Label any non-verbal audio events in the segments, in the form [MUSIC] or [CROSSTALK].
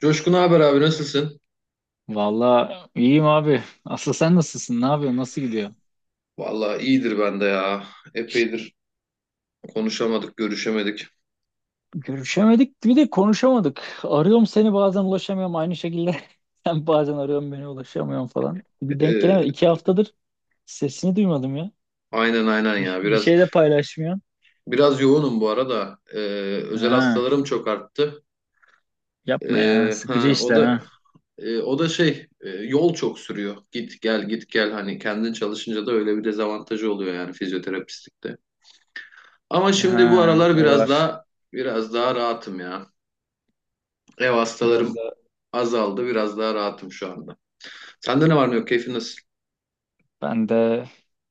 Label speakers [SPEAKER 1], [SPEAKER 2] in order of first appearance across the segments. [SPEAKER 1] Coşkun haber abi nasılsın?
[SPEAKER 2] Vallahi iyiyim abi. Aslı sen nasılsın? Ne yapıyorsun? Nasıl gidiyor?
[SPEAKER 1] Vallahi iyidir ben de ya. Epeydir konuşamadık, görüşemedik.
[SPEAKER 2] Görüşemedik bir de konuşamadık. Arıyorum seni bazen ulaşamıyorum aynı şekilde. [LAUGHS] Sen bazen arıyorum beni ulaşamıyorum falan. Bir denk
[SPEAKER 1] Ee,
[SPEAKER 2] gelemedim. İki haftadır sesini duymadım ya.
[SPEAKER 1] aynen aynen
[SPEAKER 2] Bir,
[SPEAKER 1] ya.
[SPEAKER 2] bir
[SPEAKER 1] Biraz
[SPEAKER 2] şey de paylaşmıyorsun.
[SPEAKER 1] biraz yoğunum bu arada. Özel
[SPEAKER 2] Ha,
[SPEAKER 1] hastalarım çok arttı.
[SPEAKER 2] yapma ya.
[SPEAKER 1] Ee,
[SPEAKER 2] Sıkıcı
[SPEAKER 1] ha, o
[SPEAKER 2] işler ha.
[SPEAKER 1] da o da şey, yol çok sürüyor. Git gel git gel hani kendin çalışınca da öyle bir dezavantajı oluyor yani fizyoterapistlikte. Ama şimdi bu
[SPEAKER 2] Ha,
[SPEAKER 1] aralar
[SPEAKER 2] o
[SPEAKER 1] biraz
[SPEAKER 2] var.
[SPEAKER 1] daha biraz daha rahatım ya. Ev
[SPEAKER 2] Biraz
[SPEAKER 1] hastalarım
[SPEAKER 2] da
[SPEAKER 1] azaldı, biraz daha rahatım şu anda. Sende ne var ne yok? Keyfin nasıl?
[SPEAKER 2] ben de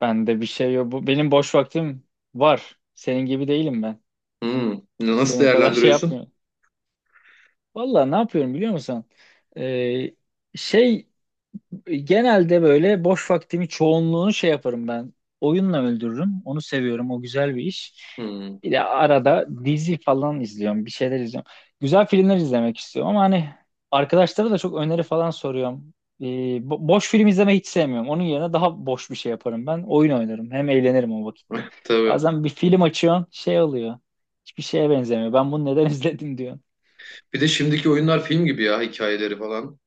[SPEAKER 2] ben de bir şey yok. Bu, benim boş vaktim var. Senin gibi değilim ben.
[SPEAKER 1] Hmm, Nasıl
[SPEAKER 2] Senin kadar şey
[SPEAKER 1] değerlendiriyorsun?
[SPEAKER 2] yapmıyorum. Vallahi ne yapıyorum biliyor musun? Ee, Şey genelde böyle boş vaktimi çoğunluğunu şey yaparım ben. Oyunla öldürürüm. Onu seviyorum. O güzel bir iş.
[SPEAKER 1] Hmm.
[SPEAKER 2] Bir de arada dizi falan izliyorum. Bir şeyler izliyorum. Güzel filmler izlemek istiyorum ama hani arkadaşlara da çok öneri falan soruyorum. Ee, Boş film izlemeyi hiç sevmiyorum. Onun yerine daha boş bir şey yaparım ben. Oyun oynarım. Hem eğlenirim o vakitte.
[SPEAKER 1] [LAUGHS] Tabii.
[SPEAKER 2] Bazen bir film açıyorsun şey oluyor. Hiçbir şeye benzemiyor. Ben bunu neden [LAUGHS] izledim diyor.
[SPEAKER 1] Bir de şimdiki oyunlar film gibi ya hikayeleri falan.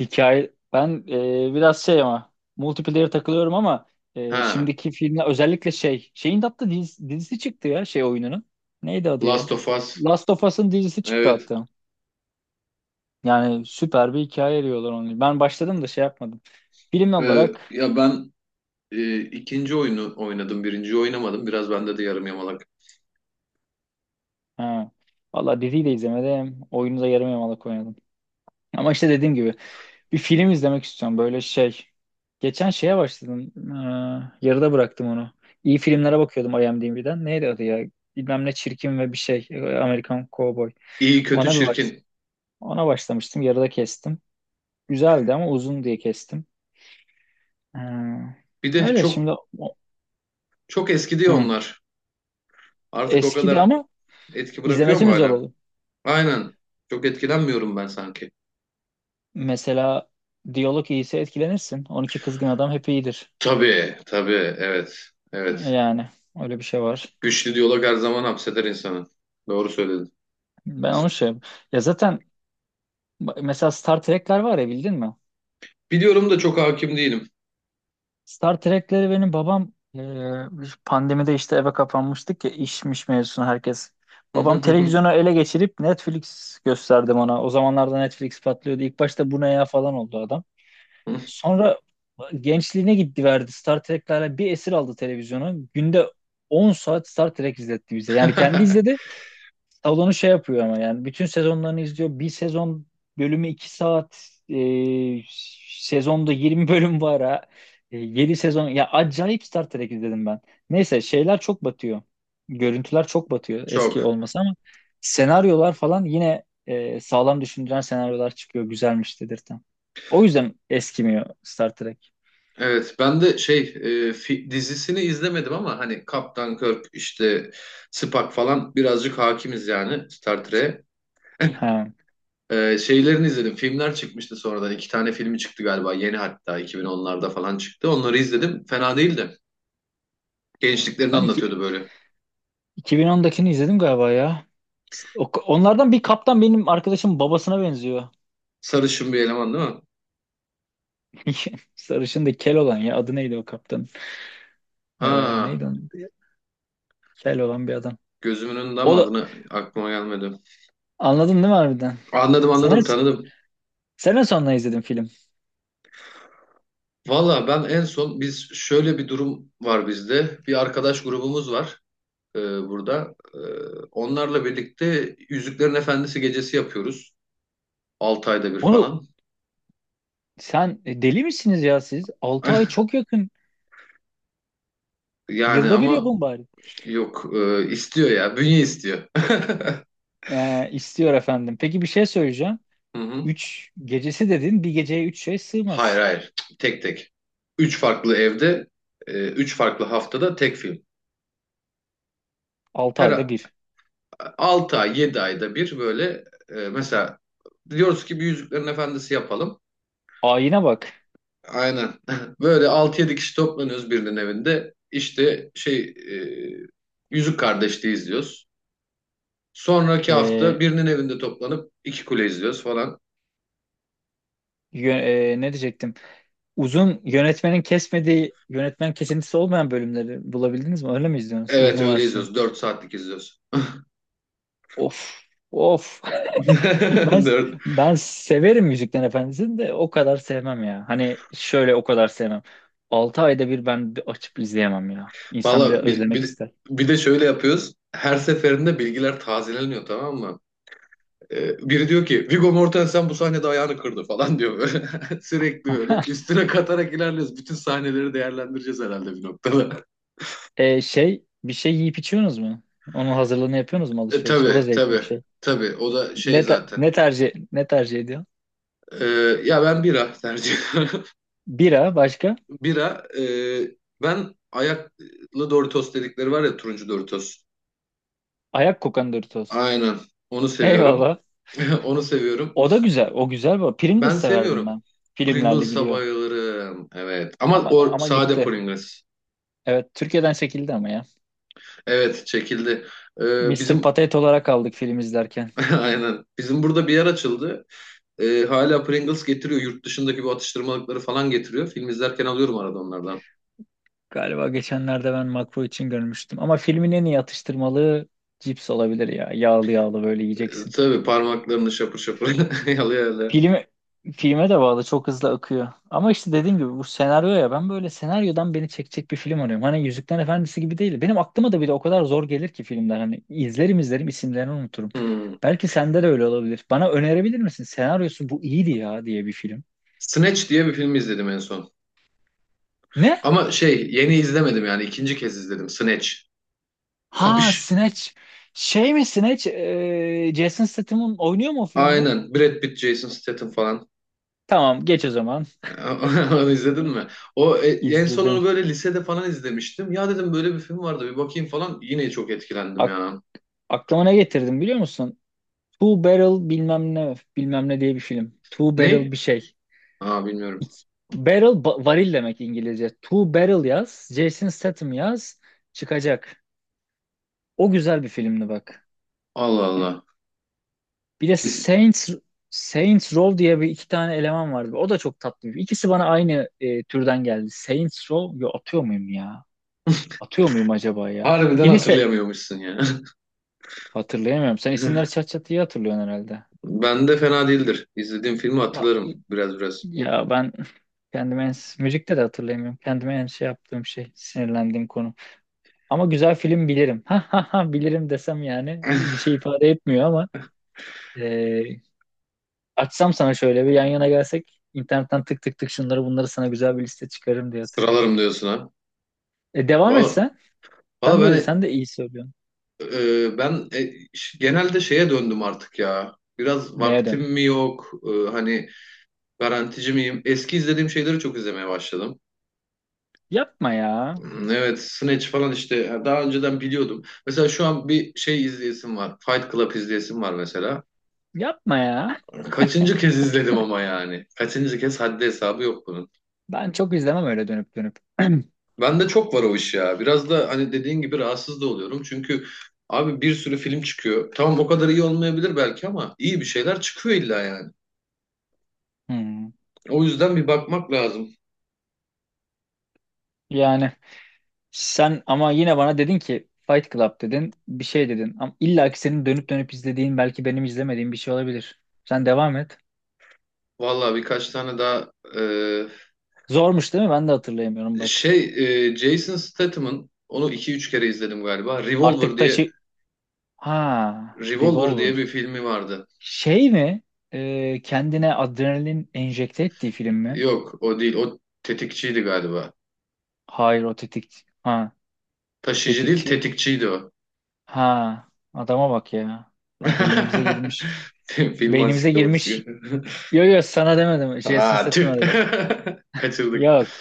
[SPEAKER 2] Hikaye ben biraz şey ama multiplayer takılıyorum ama
[SPEAKER 1] Ha,
[SPEAKER 2] şimdiki filmler özellikle şey şeyin de hatta dizisi çıktı ya şey oyununun. Neydi adı ya?
[SPEAKER 1] Last of Us.
[SPEAKER 2] Last of Us'ın dizisi çıktı
[SPEAKER 1] Evet.
[SPEAKER 2] hatta. Yani süper bir hikaye eriyorlar onu. Ben başladım da şey yapmadım. Film
[SPEAKER 1] Ee,
[SPEAKER 2] olarak
[SPEAKER 1] ya ben ikinci oyunu oynadım, birinciyi oynamadım. Biraz bende de yarım yamalak.
[SPEAKER 2] ha, valla diziyi de izlemedim. Oyunu da yarım yamalak oynadım. Ama işte dediğim gibi bir film izlemek istiyorum böyle şey. Geçen şeye başladım. Yarıda bıraktım onu. İyi filmlere bakıyordum IMDb'den. Neydi adı ya? Bilmem ne çirkin ve bir şey. Amerikan Cowboy.
[SPEAKER 1] İyi, kötü,
[SPEAKER 2] Ona bir baş
[SPEAKER 1] çirkin.
[SPEAKER 2] Ona başlamıştım. Yarıda kestim. Güzeldi ama uzun diye kestim. Ee,
[SPEAKER 1] Bir de
[SPEAKER 2] öyle
[SPEAKER 1] çok
[SPEAKER 2] şimdi o-
[SPEAKER 1] çok eski diyor
[SPEAKER 2] hı,
[SPEAKER 1] onlar. Artık o
[SPEAKER 2] eskidi
[SPEAKER 1] kadar
[SPEAKER 2] ama
[SPEAKER 1] etki bırakıyor
[SPEAKER 2] izlemesi
[SPEAKER 1] mu
[SPEAKER 2] mi zor
[SPEAKER 1] hala?
[SPEAKER 2] olur?
[SPEAKER 1] Aynen. Çok etkilenmiyorum ben sanki.
[SPEAKER 2] Mesela diyalog iyiyse etkilenirsin. 12 Kızgın Adam hep iyidir.
[SPEAKER 1] Tabii, tabii. Evet, evet.
[SPEAKER 2] Yani öyle bir şey var.
[SPEAKER 1] Güçlü diyalog her zaman hapseder insanı. Doğru söyledin.
[SPEAKER 2] Ben onu şey ya zaten Ba- Mesela Star Trek'ler var ya bildin mi?
[SPEAKER 1] Biliyorum da çok hakim değilim.
[SPEAKER 2] Star Trek'leri benim babam pandemide işte eve kapanmıştık ya işmiş mevzusuna herkes. Babam televizyonu ele geçirip Netflix gösterdim ona. O zamanlarda Netflix patlıyordu. İlk başta bu ne ya falan oldu adam.
[SPEAKER 1] [LAUGHS]
[SPEAKER 2] Sonra gençliğine gitti verdi. Star Trek'lerle bir esir aldı televizyonu. Günde 10 saat Star Trek izletti bize. Yani kendi izledi. Salonu şey yapıyor ama yani bütün sezonlarını izliyor. Bir sezon bölümü 2 saat sezonda 20 [LAUGHS] bölüm var ha. 7 sezon ya acayip Star Trek izledim ben. Neyse şeyler çok batıyor. Görüntüler çok batıyor eski
[SPEAKER 1] Çok.
[SPEAKER 2] olması ama senaryolar falan yine sağlam düşündüren senaryolar çıkıyor. Güzelmiş dedirten. O yüzden eskimiyor Star Trek.
[SPEAKER 1] Evet, ben de dizisini izlemedim ama hani Kaptan Kirk işte Spock falan birazcık hakimiz yani Star Trek'e.
[SPEAKER 2] Ha.
[SPEAKER 1] Şeylerini izledim. Filmler çıkmıştı sonradan. İki tane filmi çıktı galiba. Yeni hatta 2010'larda falan çıktı. Onları izledim. Fena değildi. Gençliklerini
[SPEAKER 2] Ben iki,
[SPEAKER 1] anlatıyordu böyle.
[SPEAKER 2] 2010'dakini izledim galiba ya. Onlardan bir kaptan benim arkadaşım babasına benziyor.
[SPEAKER 1] Sarışın bir eleman değil mi?
[SPEAKER 2] [LAUGHS] Sarışın da kel olan ya. Adı neydi o kaptan? Ee,
[SPEAKER 1] Ha,
[SPEAKER 2] neydi onun? adı ya? Kel olan bir adam.
[SPEAKER 1] gözümün önünde ama
[SPEAKER 2] O da
[SPEAKER 1] adını aklıma gelmedi.
[SPEAKER 2] anladın değil mi harbiden?
[SPEAKER 1] Anladım
[SPEAKER 2] Sene,
[SPEAKER 1] anladım tanıdım.
[SPEAKER 2] sene sonuna izledim film.
[SPEAKER 1] Valla ben en son biz şöyle bir durum var bizde. Bir arkadaş grubumuz var burada. Onlarla birlikte Yüzüklerin Efendisi gecesi yapıyoruz. 6 ayda bir
[SPEAKER 2] Onu
[SPEAKER 1] falan.
[SPEAKER 2] sen deli misiniz ya siz? 6 ay
[SPEAKER 1] [LAUGHS]
[SPEAKER 2] çok yakın.
[SPEAKER 1] Yani
[SPEAKER 2] Yılda bir
[SPEAKER 1] ama
[SPEAKER 2] yapın bari.
[SPEAKER 1] yok istiyor ya. Bünye istiyor. [LAUGHS]
[SPEAKER 2] İstiyor efendim. Peki bir şey söyleyeceğim.
[SPEAKER 1] Hı hı.
[SPEAKER 2] Üç gecesi dedin. Bir geceye 3 şey
[SPEAKER 1] Hayır
[SPEAKER 2] sığmaz.
[SPEAKER 1] hayır. Tek tek. Üç farklı evde, üç farklı haftada tek film.
[SPEAKER 2] Altı ayda
[SPEAKER 1] Her
[SPEAKER 2] bir.
[SPEAKER 1] 6 ay, 7 ayda bir böyle mesela diyoruz ki bir Yüzüklerin Efendisi yapalım.
[SPEAKER 2] Ayine bak.
[SPEAKER 1] Aynen. [LAUGHS] Böyle altı yedi kişi toplanıyoruz birinin evinde. İşte Yüzük Kardeşliği izliyoruz. Sonraki hafta
[SPEAKER 2] Ee,
[SPEAKER 1] birinin evinde toplanıp iki kule izliyoruz falan.
[SPEAKER 2] yö- Ne diyecektim? Uzun yönetmenin kesmediği, yönetmen kesintisi olmayan bölümleri bulabildiniz mi? Öyle mi izliyorsunuz?
[SPEAKER 1] Evet
[SPEAKER 2] Uzun
[SPEAKER 1] öyle
[SPEAKER 2] versiyon.
[SPEAKER 1] izliyoruz. 4 saatlik izliyoruz.
[SPEAKER 2] Of of [LAUGHS]
[SPEAKER 1] [LAUGHS]
[SPEAKER 2] ben
[SPEAKER 1] Dört.
[SPEAKER 2] ben severim Yüzüklerin Efendisi'ni de o kadar sevmem ya. Hani şöyle o kadar sevmem. 6 ayda bir ben bir açıp izleyemem ya. İnsan biraz
[SPEAKER 1] Valla bir,
[SPEAKER 2] özlemek
[SPEAKER 1] bir,
[SPEAKER 2] ister.
[SPEAKER 1] bir de şöyle yapıyoruz. Her seferinde bilgiler tazeleniyor tamam mı? Biri diyor ki Viggo Mortensen bu sahnede ayağını kırdı falan diyor böyle. [LAUGHS] Sürekli böyle
[SPEAKER 2] [LAUGHS]
[SPEAKER 1] üstüne katarak ilerliyoruz. Bütün sahneleri değerlendireceğiz herhalde bir noktada.
[SPEAKER 2] Şey bir şey yiyip içiyorsunuz mu? Onun hazırlığını yapıyorsunuz mu
[SPEAKER 1] E,
[SPEAKER 2] alışveriş? O da
[SPEAKER 1] tabii
[SPEAKER 2] zevkli bir
[SPEAKER 1] tabii
[SPEAKER 2] şey.
[SPEAKER 1] tabii o da şey
[SPEAKER 2] Ne te-
[SPEAKER 1] zaten.
[SPEAKER 2] ne tercih ne tercih ediyor?
[SPEAKER 1] E, ya ben bira tercih ediyorum.
[SPEAKER 2] Bira başka?
[SPEAKER 1] [LAUGHS] Bira ben ayaklı Doritos dedikleri var ya turuncu Doritos.
[SPEAKER 2] Ayak kokan Doritos.
[SPEAKER 1] Aynen onu seviyorum.
[SPEAKER 2] Eyvallah.
[SPEAKER 1] [LAUGHS] Onu seviyorum.
[SPEAKER 2] O da güzel. O güzel bu. Pringles
[SPEAKER 1] Ben
[SPEAKER 2] severdim
[SPEAKER 1] seviyorum.
[SPEAKER 2] ben. Filmlerle
[SPEAKER 1] Pringles'a
[SPEAKER 2] gidiyor.
[SPEAKER 1] bayılırım. Evet ama
[SPEAKER 2] Ama
[SPEAKER 1] o
[SPEAKER 2] ama
[SPEAKER 1] sade
[SPEAKER 2] gitti.
[SPEAKER 1] Pringles.
[SPEAKER 2] Evet, Türkiye'den çekildi ama ya.
[SPEAKER 1] Evet çekildi. E,
[SPEAKER 2] Mr.
[SPEAKER 1] bizim
[SPEAKER 2] Patate olarak aldık film izlerken.
[SPEAKER 1] [LAUGHS] aynen bizim burada bir yer açıldı. Hala Pringles getiriyor yurt dışındaki bu atıştırmalıkları falan getiriyor. Film izlerken alıyorum arada onlardan.
[SPEAKER 2] Galiba geçenlerde ben makro için görmüştüm. Ama filmin en iyi atıştırmalığı cips olabilir ya. Yağlı yağlı böyle
[SPEAKER 1] E,
[SPEAKER 2] yiyeceksin.
[SPEAKER 1] Tabii parmaklarını şapır şapır [LAUGHS] yalıyor öyle.
[SPEAKER 2] Filme, filme de bağlı çok hızlı akıyor. Ama işte dediğim gibi bu senaryo ya ben böyle senaryodan beni çekecek bir film arıyorum. Hani Yüzüklerin Efendisi gibi değil. Benim aklıma da bir de o kadar zor gelir ki filmler. Hani izlerim izlerim isimlerini unuturum.
[SPEAKER 1] Hmm.
[SPEAKER 2] Belki sende de öyle olabilir. Bana önerebilir misin? Senaryosu bu iyiydi ya diye bir film.
[SPEAKER 1] Snatch diye bir film izledim en son.
[SPEAKER 2] Ne
[SPEAKER 1] Ama şey yeni izlemedim yani ikinci kez izledim Snatch.
[SPEAKER 2] Ha,
[SPEAKER 1] Kapış.
[SPEAKER 2] Snatch. Şey mi Snatch? Jason Statham'ın oynuyor mu o filmde?
[SPEAKER 1] Aynen Brad Pitt, Jason Statham falan.
[SPEAKER 2] Tamam geç o zaman.
[SPEAKER 1] [LAUGHS] Onu izledin mi? O en son
[SPEAKER 2] İzledim.
[SPEAKER 1] onu böyle lisede falan izlemiştim. Ya dedim böyle bir film vardı bir bakayım falan. Yine çok etkilendim
[SPEAKER 2] Ak-
[SPEAKER 1] ya.
[SPEAKER 2] Aklıma ne getirdim biliyor musun? Two Barrel bilmem ne bilmem ne diye bir film. Two
[SPEAKER 1] Ne?
[SPEAKER 2] Barrel bir şey.
[SPEAKER 1] Aa bilmiyorum.
[SPEAKER 2] İk- Barrel varil demek İngilizce. Two Barrel yaz. Jason Statham yaz. Çıkacak. O güzel bir filmdi bak.
[SPEAKER 1] Allah Allah.
[SPEAKER 2] Bir de
[SPEAKER 1] Kesin.
[SPEAKER 2] Saints Row diye bir iki tane eleman vardı. O da çok tatlı. İkisi bana aynı türden geldi. Saints Row yo, atıyor muyum ya? Atıyor muyum acaba ya?
[SPEAKER 1] Harbiden
[SPEAKER 2] Kilise
[SPEAKER 1] hatırlayamıyormuşsun ya.
[SPEAKER 2] hatırlayamıyorum. Sen isimleri çat
[SPEAKER 1] [LAUGHS]
[SPEAKER 2] çat iyi hatırlıyorsun herhalde.
[SPEAKER 1] Ben de fena değildir. İzlediğim filmi
[SPEAKER 2] Ma-
[SPEAKER 1] hatırlarım biraz biraz.
[SPEAKER 2] Ya ben kendime en, müzikte de hatırlayamıyorum. Kendime en şey yaptığım şey, sinirlendiğim konu. Ama güzel film bilirim. [LAUGHS] Ha ha ha bilirim desem yani bir
[SPEAKER 1] [LAUGHS]
[SPEAKER 2] şey ifade etmiyor ama e, açsam sana şöyle bir yan yana gelsek internetten tık tık tık şunları bunları sana güzel bir liste çıkarırım diye hatırlıyorum.
[SPEAKER 1] Sıralarım diyorsun ha.
[SPEAKER 2] Devam
[SPEAKER 1] Valla
[SPEAKER 2] etsen. Sen
[SPEAKER 1] valla
[SPEAKER 2] Sen de
[SPEAKER 1] ben
[SPEAKER 2] sen de iyi söylüyorsun.
[SPEAKER 1] e, ben e, ş- genelde şeye döndüm artık ya. Biraz
[SPEAKER 2] Neye
[SPEAKER 1] vaktim
[SPEAKER 2] döndün?
[SPEAKER 1] mi yok? Hani garantici miyim? Eski izlediğim şeyleri çok izlemeye başladım.
[SPEAKER 2] Yapma ya.
[SPEAKER 1] Hmm, evet, Snatch falan işte daha önceden biliyordum. Mesela şu an bir şey izleyesim var. Fight Club izleyesim var mesela.
[SPEAKER 2] Yapma ya.
[SPEAKER 1] Kaçıncı kez izledim ama yani. Kaçıncı kez haddi hesabı yok.
[SPEAKER 2] Ben çok izlemem öyle dönüp dönüp. [CLEARS THROAT]
[SPEAKER 1] Bende çok var o iş ya. Biraz da hani dediğin gibi rahatsız da oluyorum. Çünkü abi bir sürü film çıkıyor. Tamam o kadar iyi olmayabilir belki ama iyi bir şeyler çıkıyor illa yani.
[SPEAKER 2] Hmm.
[SPEAKER 1] O yüzden bir bakmak lazım.
[SPEAKER 2] Yani sen ama yine bana dedin ki Fight Club dedin, bir şey dedin. Ama illa ki senin dönüp dönüp izlediğin belki benim izlemediğim bir şey olabilir. Sen devam et.
[SPEAKER 1] Vallahi birkaç tane daha
[SPEAKER 2] Zormuş değil mi? Ben de hatırlayamıyorum bak.
[SPEAKER 1] şey Jason Statham'ın onu iki üç kere izledim galiba. Revolver
[SPEAKER 2] Artık
[SPEAKER 1] diye
[SPEAKER 2] taşı... Ha,
[SPEAKER 1] Revolver diye
[SPEAKER 2] Revolver.
[SPEAKER 1] bir filmi vardı.
[SPEAKER 2] Şey mi? Kendine adrenalin enjekte ettiği film mi?
[SPEAKER 1] Yok o değil. O tetikçiydi galiba.
[SPEAKER 2] Hayır o tetik... Ha,
[SPEAKER 1] Taşıyıcı değil
[SPEAKER 2] tetikçi.
[SPEAKER 1] tetikçiydi o.
[SPEAKER 2] Ha, adama bak ya. Ha, beynimize
[SPEAKER 1] [LAUGHS]
[SPEAKER 2] girmiş.
[SPEAKER 1] Film
[SPEAKER 2] Beynimize
[SPEAKER 1] ansiklopedisi.
[SPEAKER 2] girmiş. Yo yo sana demedim. Jason
[SPEAKER 1] Aa tüh.
[SPEAKER 2] Statham'a dedim.
[SPEAKER 1] [LAUGHS] Kaçırdık.
[SPEAKER 2] Yok.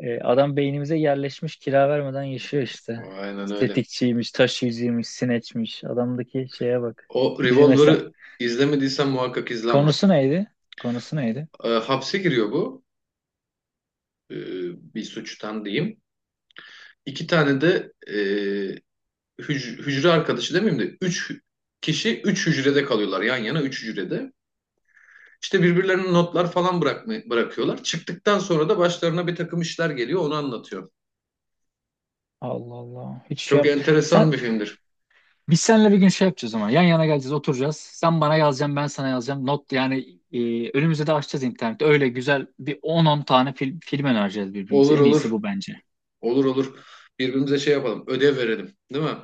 [SPEAKER 2] Adam beynimize yerleşmiş kira vermeden yaşıyor işte.
[SPEAKER 1] Aynen öyle.
[SPEAKER 2] Estetikçiymiş, taşıyıcıymış, sineçmiş. Adamdaki şeye bak.
[SPEAKER 1] O
[SPEAKER 2] Bizim mesela
[SPEAKER 1] Revolver'ı izlemediysen muhakkak izle ama.
[SPEAKER 2] Konusu neydi? Konusu neydi?
[SPEAKER 1] Hapse giriyor bu. Ee, bir suçtan diyeyim. İki tane de hücre arkadaşı demeyeyim de üç kişi üç hücrede kalıyorlar yan yana üç hücrede. İşte birbirlerine notlar falan bırakıyorlar. Çıktıktan sonra da başlarına bir takım işler geliyor onu anlatıyor.
[SPEAKER 2] Allah Allah. Hiç şey
[SPEAKER 1] Çok
[SPEAKER 2] yap.
[SPEAKER 1] enteresan
[SPEAKER 2] Sen
[SPEAKER 1] bir filmdir.
[SPEAKER 2] Biz seninle bir gün şey yapacağız ama. Yan yana geleceğiz, oturacağız. Sen bana yazacaksın, ben sana yazacağım. Not yani önümüzde de açacağız internette. Öyle güzel bir on tane film önereceğiz birbirimize.
[SPEAKER 1] Olur
[SPEAKER 2] En iyisi
[SPEAKER 1] olur.
[SPEAKER 2] bu bence.
[SPEAKER 1] Olur olur. Birbirimize şey yapalım. Ödev verelim. Değil mi?